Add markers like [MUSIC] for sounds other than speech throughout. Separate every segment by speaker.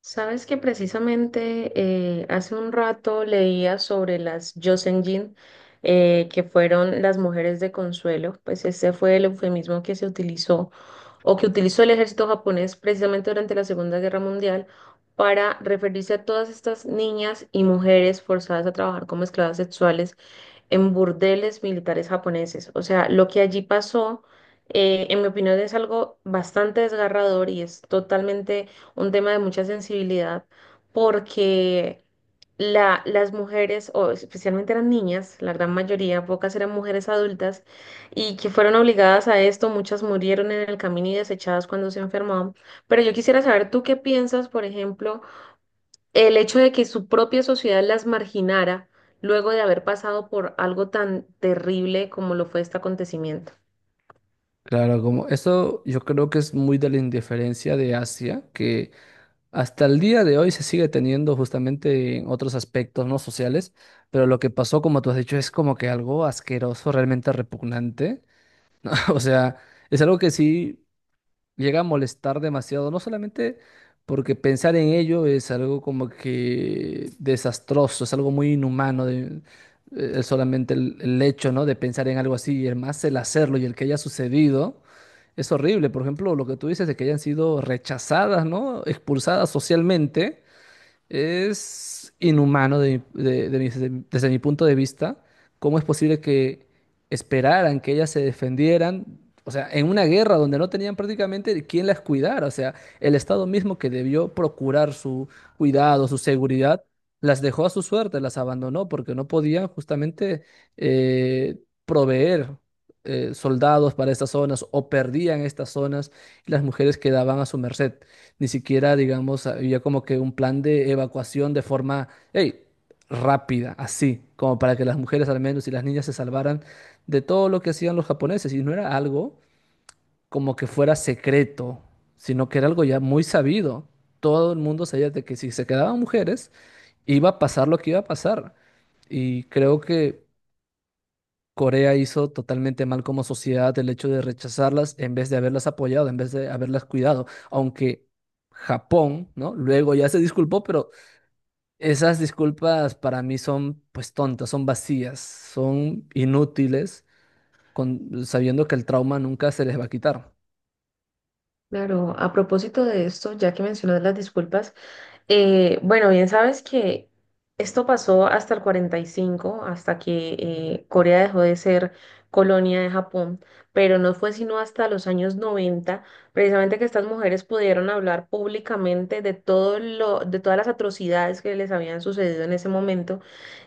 Speaker 1: Sabes que precisamente hace un rato leía sobre las Joseonjin, que fueron las mujeres de consuelo. Pues ese fue el eufemismo que se utilizó o que utilizó el ejército japonés precisamente durante la Segunda Guerra Mundial para referirse a todas estas niñas y mujeres forzadas a trabajar como esclavas sexuales en burdeles militares japoneses. O sea, lo que allí pasó, en mi opinión, es algo bastante desgarrador y es totalmente un tema de mucha sensibilidad, porque las mujeres, o especialmente eran niñas, la gran mayoría, pocas eran mujeres adultas, y que fueron obligadas a esto, muchas murieron en el camino y desechadas cuando se enfermaban. Pero yo quisiera saber, ¿tú qué piensas, por ejemplo, el hecho de que su propia sociedad las marginara luego de haber pasado por algo tan terrible como lo fue este acontecimiento?
Speaker 2: Claro, como eso yo creo que es muy de la indiferencia de Asia, que hasta el día de hoy se sigue teniendo justamente en otros aspectos no sociales, pero lo que pasó, como tú has dicho, es como que algo asqueroso, realmente repugnante. [LAUGHS] O sea, es algo que sí llega a molestar demasiado, no solamente porque pensar en ello es algo como que desastroso, es algo muy inhumano, solamente el hecho, ¿no? de pensar en algo así, y el más el hacerlo y el que haya sucedido, es horrible. Por ejemplo, lo que tú dices de que hayan sido rechazadas, ¿no? Expulsadas socialmente. Es inhumano de mi- desde desde mi punto de vista. ¿Cómo es posible que esperaran que ellas se defendieran? O sea, en una guerra donde no tenían prácticamente quién las cuidara. O sea, el Estado mismo que debió procurar su cuidado, su seguridad, las dejó a su suerte, las abandonó porque no podían justamente eh, proveer soldados para estas zonas o perdían estas zonas y las mujeres quedaban a su merced. Ni siquiera, digamos, había como que un plan de evacuación de forma, hey, rápida, así, como para que las mujeres al menos y las niñas se salvaran de todo lo que hacían los japoneses. Y no era algo como que fuera secreto, sino que era algo ya muy sabido. Todo el mundo sabía de que si se quedaban mujeres, iba a pasar lo que iba a pasar. Y creo que Corea hizo totalmente mal como sociedad el hecho de rechazarlas en vez de haberlas apoyado, en vez de haberlas cuidado, aunque Japón, ¿no? Luego ya se disculpó, pero esas disculpas para mí son pues tontas, son vacías, son inútiles, sabiendo que el trauma nunca se les va a quitar.
Speaker 1: Claro, a propósito de esto, ya que mencionas las disculpas, bueno, bien sabes que esto pasó hasta el 45, hasta que Corea dejó de ser colonia de Japón, pero no fue sino hasta los años 90 precisamente que estas mujeres pudieron hablar públicamente de todo lo, de todas las atrocidades que les habían sucedido en ese momento.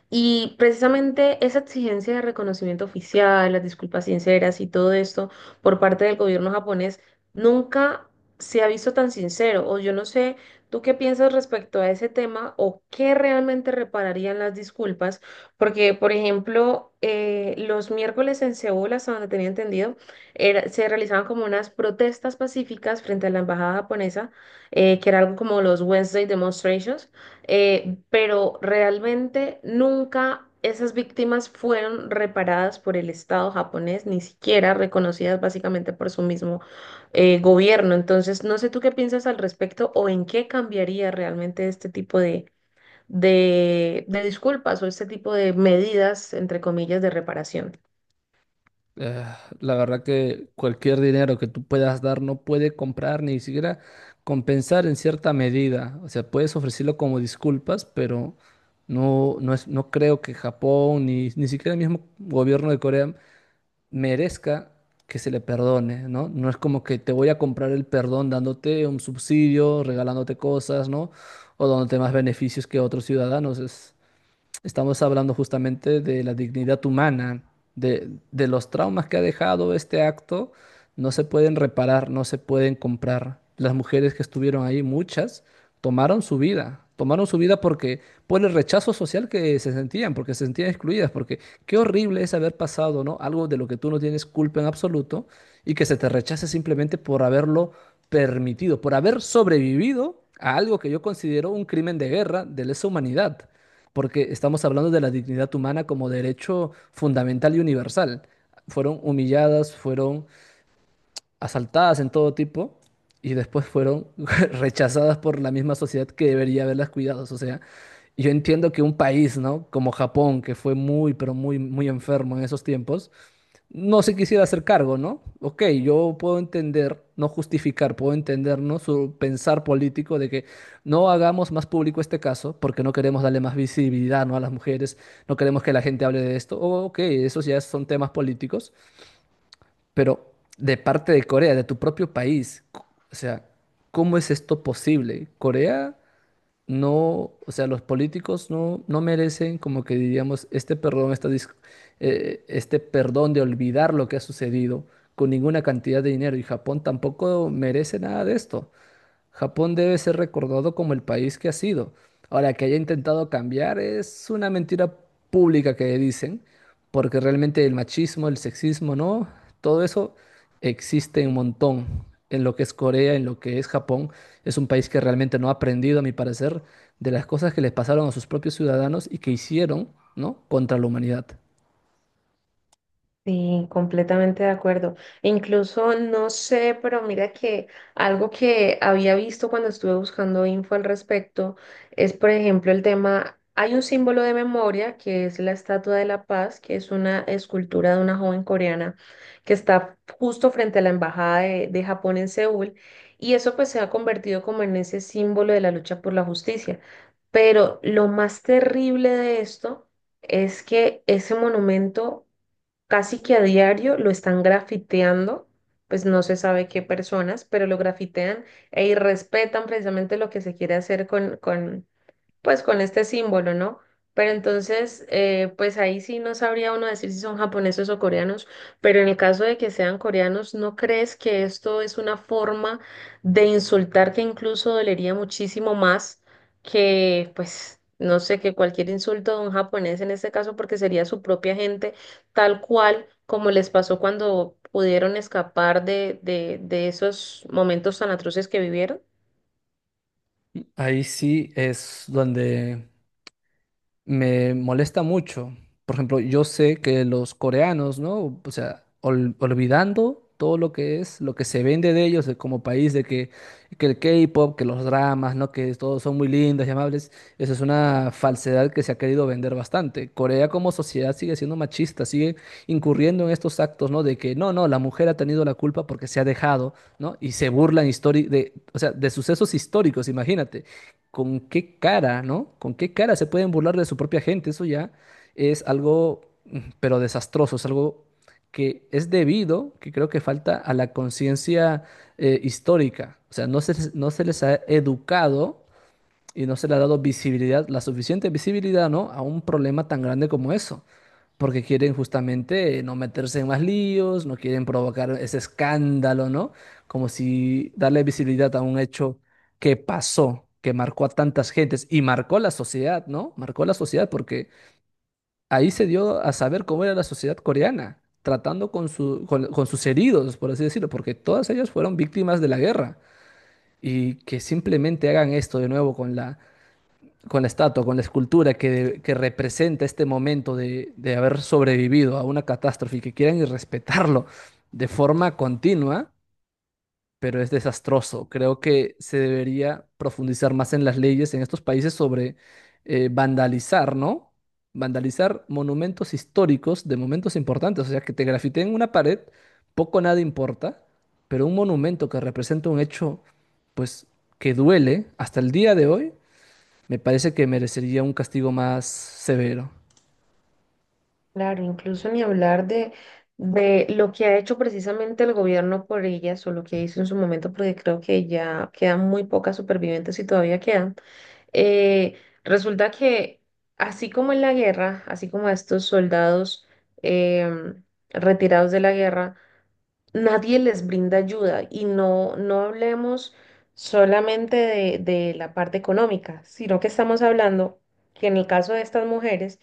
Speaker 1: Y precisamente esa exigencia de reconocimiento oficial, las disculpas sinceras y todo esto por parte del gobierno japonés nunca se ha visto tan sincero. O yo no sé, ¿tú qué piensas respecto a ese tema o qué realmente repararían las disculpas? Porque, por ejemplo, los miércoles en Seúl, hasta donde tenía entendido, se realizaban como unas protestas pacíficas frente a la embajada japonesa, que era algo como los Wednesday Demonstrations, pero realmente nunca esas víctimas fueron reparadas por el Estado japonés, ni siquiera reconocidas básicamente por su mismo gobierno. Entonces, no sé tú qué piensas al respecto o en qué cambiaría realmente este tipo de disculpas o este tipo de medidas, entre comillas, de reparación.
Speaker 2: Eh, la verdad que cualquier dinero que tú puedas dar no puede comprar ni siquiera compensar en cierta medida. O sea, puedes ofrecerlo como disculpas, pero no, no es, no creo que Japón ni siquiera el mismo gobierno de Corea merezca que se le perdone, ¿no? No es como que te voy a comprar el perdón dándote un subsidio, regalándote cosas, ¿no? O dándote más beneficios que otros ciudadanos. Estamos hablando justamente de la dignidad humana, de los traumas que ha dejado este acto, no se pueden reparar, no se pueden comprar. Las mujeres que estuvieron ahí, muchas, tomaron su vida porque por el rechazo social que se sentían, porque se sentían excluidas, porque qué horrible es haber pasado, ¿no? Algo de lo que tú no tienes culpa en absoluto y que se te rechace simplemente por haberlo permitido, por haber sobrevivido a algo que yo considero un crimen de guerra de lesa humanidad porque estamos hablando de la dignidad humana como derecho fundamental y universal. Fueron humilladas, fueron asaltadas en todo tipo y después fueron [LAUGHS] rechazadas por la misma sociedad que debería haberlas cuidado. O sea, yo entiendo que un país, ¿no? Como Japón, que fue muy, pero muy, muy enfermo en esos tiempos, no se quisiera hacer cargo, ¿no? Ok, yo puedo entender, no justificar, puedo entender, ¿no? Su pensar político de que no hagamos más público este caso porque no queremos darle más visibilidad, ¿no? A las mujeres, no queremos que la gente hable de esto. Oh, ok, esos ya son temas políticos, pero de parte de Corea, de tu propio país, o sea, ¿cómo es esto posible? Corea no, o sea, los políticos no merecen como que diríamos este perdón, este perdón de olvidar lo que ha sucedido con ninguna cantidad de dinero y Japón tampoco merece nada de esto. Japón debe ser recordado como el país que ha sido. Ahora, que haya intentado cambiar es una mentira pública que dicen, porque realmente el machismo, el sexismo, ¿no? Todo eso existe un montón en lo que es Corea, en lo que es Japón. Es un país que realmente no ha aprendido, a mi parecer, de las cosas que les pasaron a sus propios ciudadanos y que hicieron, ¿no? Contra la humanidad.
Speaker 1: Sí, completamente de acuerdo. E incluso no sé, pero mira que algo que había visto cuando estuve buscando info al respecto es, por ejemplo, el tema, hay un símbolo de memoria que es la Estatua de la Paz, que es una escultura de una joven coreana que está justo frente a la Embajada de Japón en Seúl, y eso pues se ha convertido como en ese símbolo de la lucha por la justicia. Pero lo más terrible de esto es que ese monumento casi que a diario lo están grafiteando. Pues no se sabe qué personas, pero lo grafitean e irrespetan precisamente lo que se quiere hacer pues con este símbolo, ¿no? Pero entonces, pues ahí sí no sabría uno decir si son japoneses o coreanos, pero en el caso de que sean coreanos, ¿no crees que esto es una forma de insultar que incluso dolería muchísimo más que, pues, no sé, que cualquier insulto de un japonés en este caso, porque sería su propia gente, tal cual como les pasó cuando pudieron escapar de esos momentos tan atroces que vivieron?
Speaker 2: Ahí sí es donde me molesta mucho. Por ejemplo, yo sé que los coreanos, ¿no? O sea, olvidando todo lo que es, lo que se vende de ellos como país, que el K-pop, que los dramas, ¿no? Que todos son muy lindos y amables. Esa es una falsedad que se ha querido vender bastante. Corea como sociedad sigue siendo machista, sigue incurriendo en estos actos, ¿no? De que no, no, la mujer ha tenido la culpa porque se ha dejado, ¿no? Y se burlan o sea, de sucesos históricos, imagínate con qué cara, ¿no? Con qué cara se pueden burlar de su propia gente. Eso ya es algo, pero desastroso, es algo que es debido, que creo que falta a la conciencia histórica. O sea, no se les ha educado y no se le ha dado visibilidad, la suficiente visibilidad, ¿no? A un problema tan grande como eso, porque quieren justamente no meterse en más líos, no quieren provocar ese escándalo, ¿no? Como si darle visibilidad a un hecho que pasó, que marcó a tantas gentes y marcó la sociedad, ¿no? Marcó la sociedad porque ahí se dio a saber cómo era la sociedad coreana, tratando con su- con sus heridos, por así decirlo, porque todas ellas fueron víctimas de la guerra y que simplemente hagan esto de nuevo con la estatua, con la escultura que representa este momento de haber sobrevivido a una catástrofe y que quieran irrespetarlo de forma continua, pero es desastroso. Creo que se debería profundizar más en las leyes en estos países sobre vandalizar, ¿no? Vandalizar monumentos históricos de momentos importantes. O sea, que te grafiteen una pared, poco o nada importa, pero un monumento que representa un hecho, pues, que duele hasta el día de hoy me parece que merecería un castigo más severo.
Speaker 1: Claro, incluso ni hablar de lo que ha hecho precisamente el gobierno por ellas o lo que hizo en su momento, porque creo que ya quedan muy pocas supervivientes y todavía quedan. Eh, resulta que así como en la guerra, así como a estos soldados em, retirados de la guerra, nadie les brinda ayuda, y no, no hablemos solamente de la parte económica, sino que estamos hablando que en el caso de estas mujeres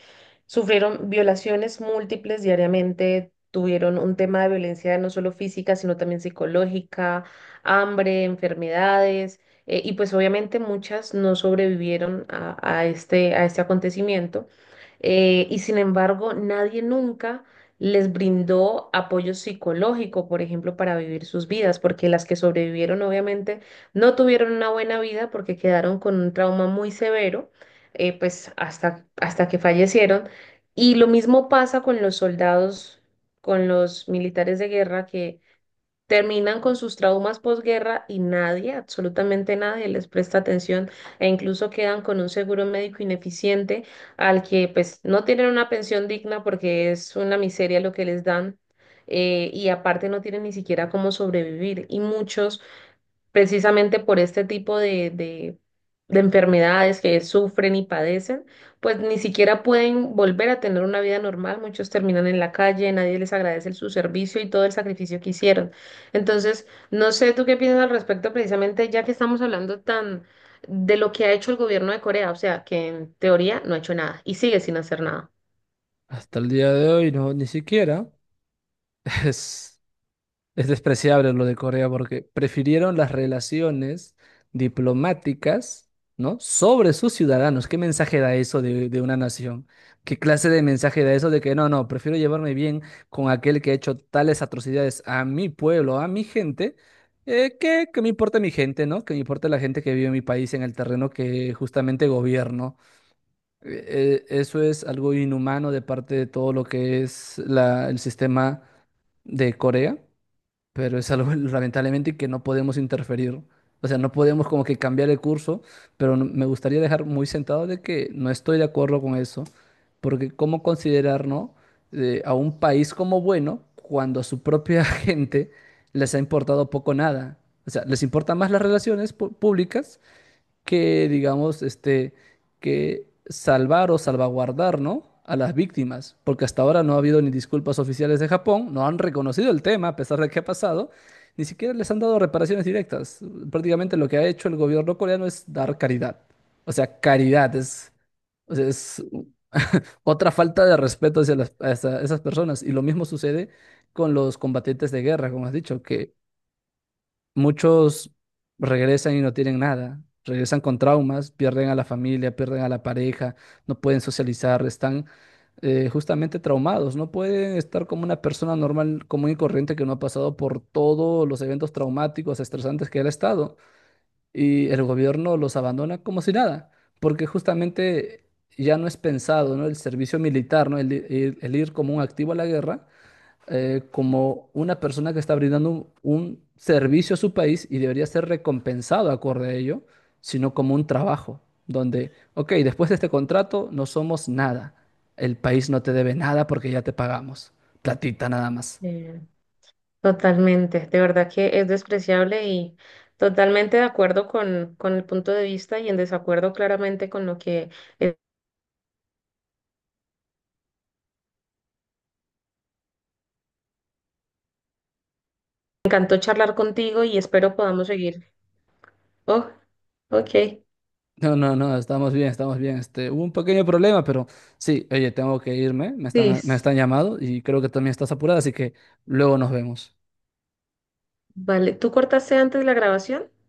Speaker 1: sufrieron violaciones múltiples diariamente, tuvieron un tema de violencia no solo física, sino también psicológica, hambre, enfermedades, y pues obviamente muchas no sobrevivieron a este acontecimiento. Y sin embargo, nadie nunca les brindó apoyo psicológico, por ejemplo, para vivir sus vidas, porque las que sobrevivieron obviamente no tuvieron una buena vida porque quedaron con un trauma muy severo, pues hasta, hasta que fallecieron. Y lo mismo pasa con los soldados, con los militares de guerra que terminan con sus traumas posguerra, y nadie, absolutamente nadie, les presta atención e incluso quedan con un seguro médico ineficiente, al que pues no tienen una pensión digna porque es una miseria lo que les dan, y aparte no tienen ni siquiera cómo sobrevivir, y muchos precisamente por este tipo de enfermedades que sufren y padecen, pues ni siquiera pueden volver a tener una vida normal. Muchos terminan en la calle, nadie les agradece su servicio y todo el sacrificio que hicieron. Entonces, no sé tú qué piensas al respecto, precisamente ya que estamos hablando tan de lo que ha hecho el gobierno de Corea, o sea, que en teoría no ha hecho nada y sigue sin hacer nada.
Speaker 2: Hasta el día de hoy, no, ni siquiera. [LAUGHS] Es, es despreciable lo de Corea porque prefirieron las relaciones diplomáticas, ¿no? Sobre sus ciudadanos. ¿Qué mensaje da eso de una nación? ¿Qué clase de mensaje da eso de que no, no, prefiero llevarme bien con aquel que ha hecho tales atrocidades a mi pueblo, a mi gente? Que me importa mi gente, ¿no? Que me importa la gente que vive en mi país, en el terreno que justamente gobierno. Eso es algo inhumano de parte de todo lo que es el sistema de Corea, pero es algo [LAUGHS] lamentablemente que no podemos interferir. O sea, no podemos como que cambiar el curso, pero me gustaría dejar muy sentado de que no estoy de acuerdo con eso, porque ¿cómo considerar, no, a un país como bueno cuando a su propia [LAUGHS] gente les ha importado poco o nada? O sea, les importan más las relaciones públicas que, digamos, que salvar o salvaguardar, ¿no? A las víctimas, porque hasta ahora no ha habido ni disculpas oficiales de Japón, no han reconocido el tema a pesar de que ha pasado, ni siquiera les han dado reparaciones directas. Prácticamente lo que ha hecho el gobierno coreano es dar caridad. O sea, es [LAUGHS] otra falta de respeto hacia, hacia esas personas. Y lo mismo sucede con los combatientes de guerra, como has dicho, que muchos regresan y no tienen nada, regresan con traumas, pierden a la familia, pierden a la pareja, no pueden socializar, están justamente traumados, no pueden estar como una persona normal, común y corriente que no ha pasado por todos los eventos traumáticos, estresantes que él ha estado. Y el gobierno los abandona como si nada, porque justamente ya no es pensado, ¿no? El servicio militar, ¿no? El ir como un activo a la guerra como una persona que está brindando un servicio a su país y debería ser recompensado acorde a ello, sino como un trabajo, donde, ok, después de este contrato no somos nada. El país no te debe nada porque ya te pagamos. Platita nada más.
Speaker 1: Totalmente, de verdad que es despreciable y totalmente de acuerdo con el punto de vista y en desacuerdo claramente con lo que eh, me encantó charlar contigo y espero podamos seguir. Oh, ok.
Speaker 2: No, no, no, estamos bien, estamos bien. Hubo un pequeño problema, pero sí, oye, tengo que irme, me están, me
Speaker 1: Liz,
Speaker 2: están llamando y creo que también estás apurada, así que luego nos vemos.
Speaker 1: vale, ¿tú cortaste antes la grabación?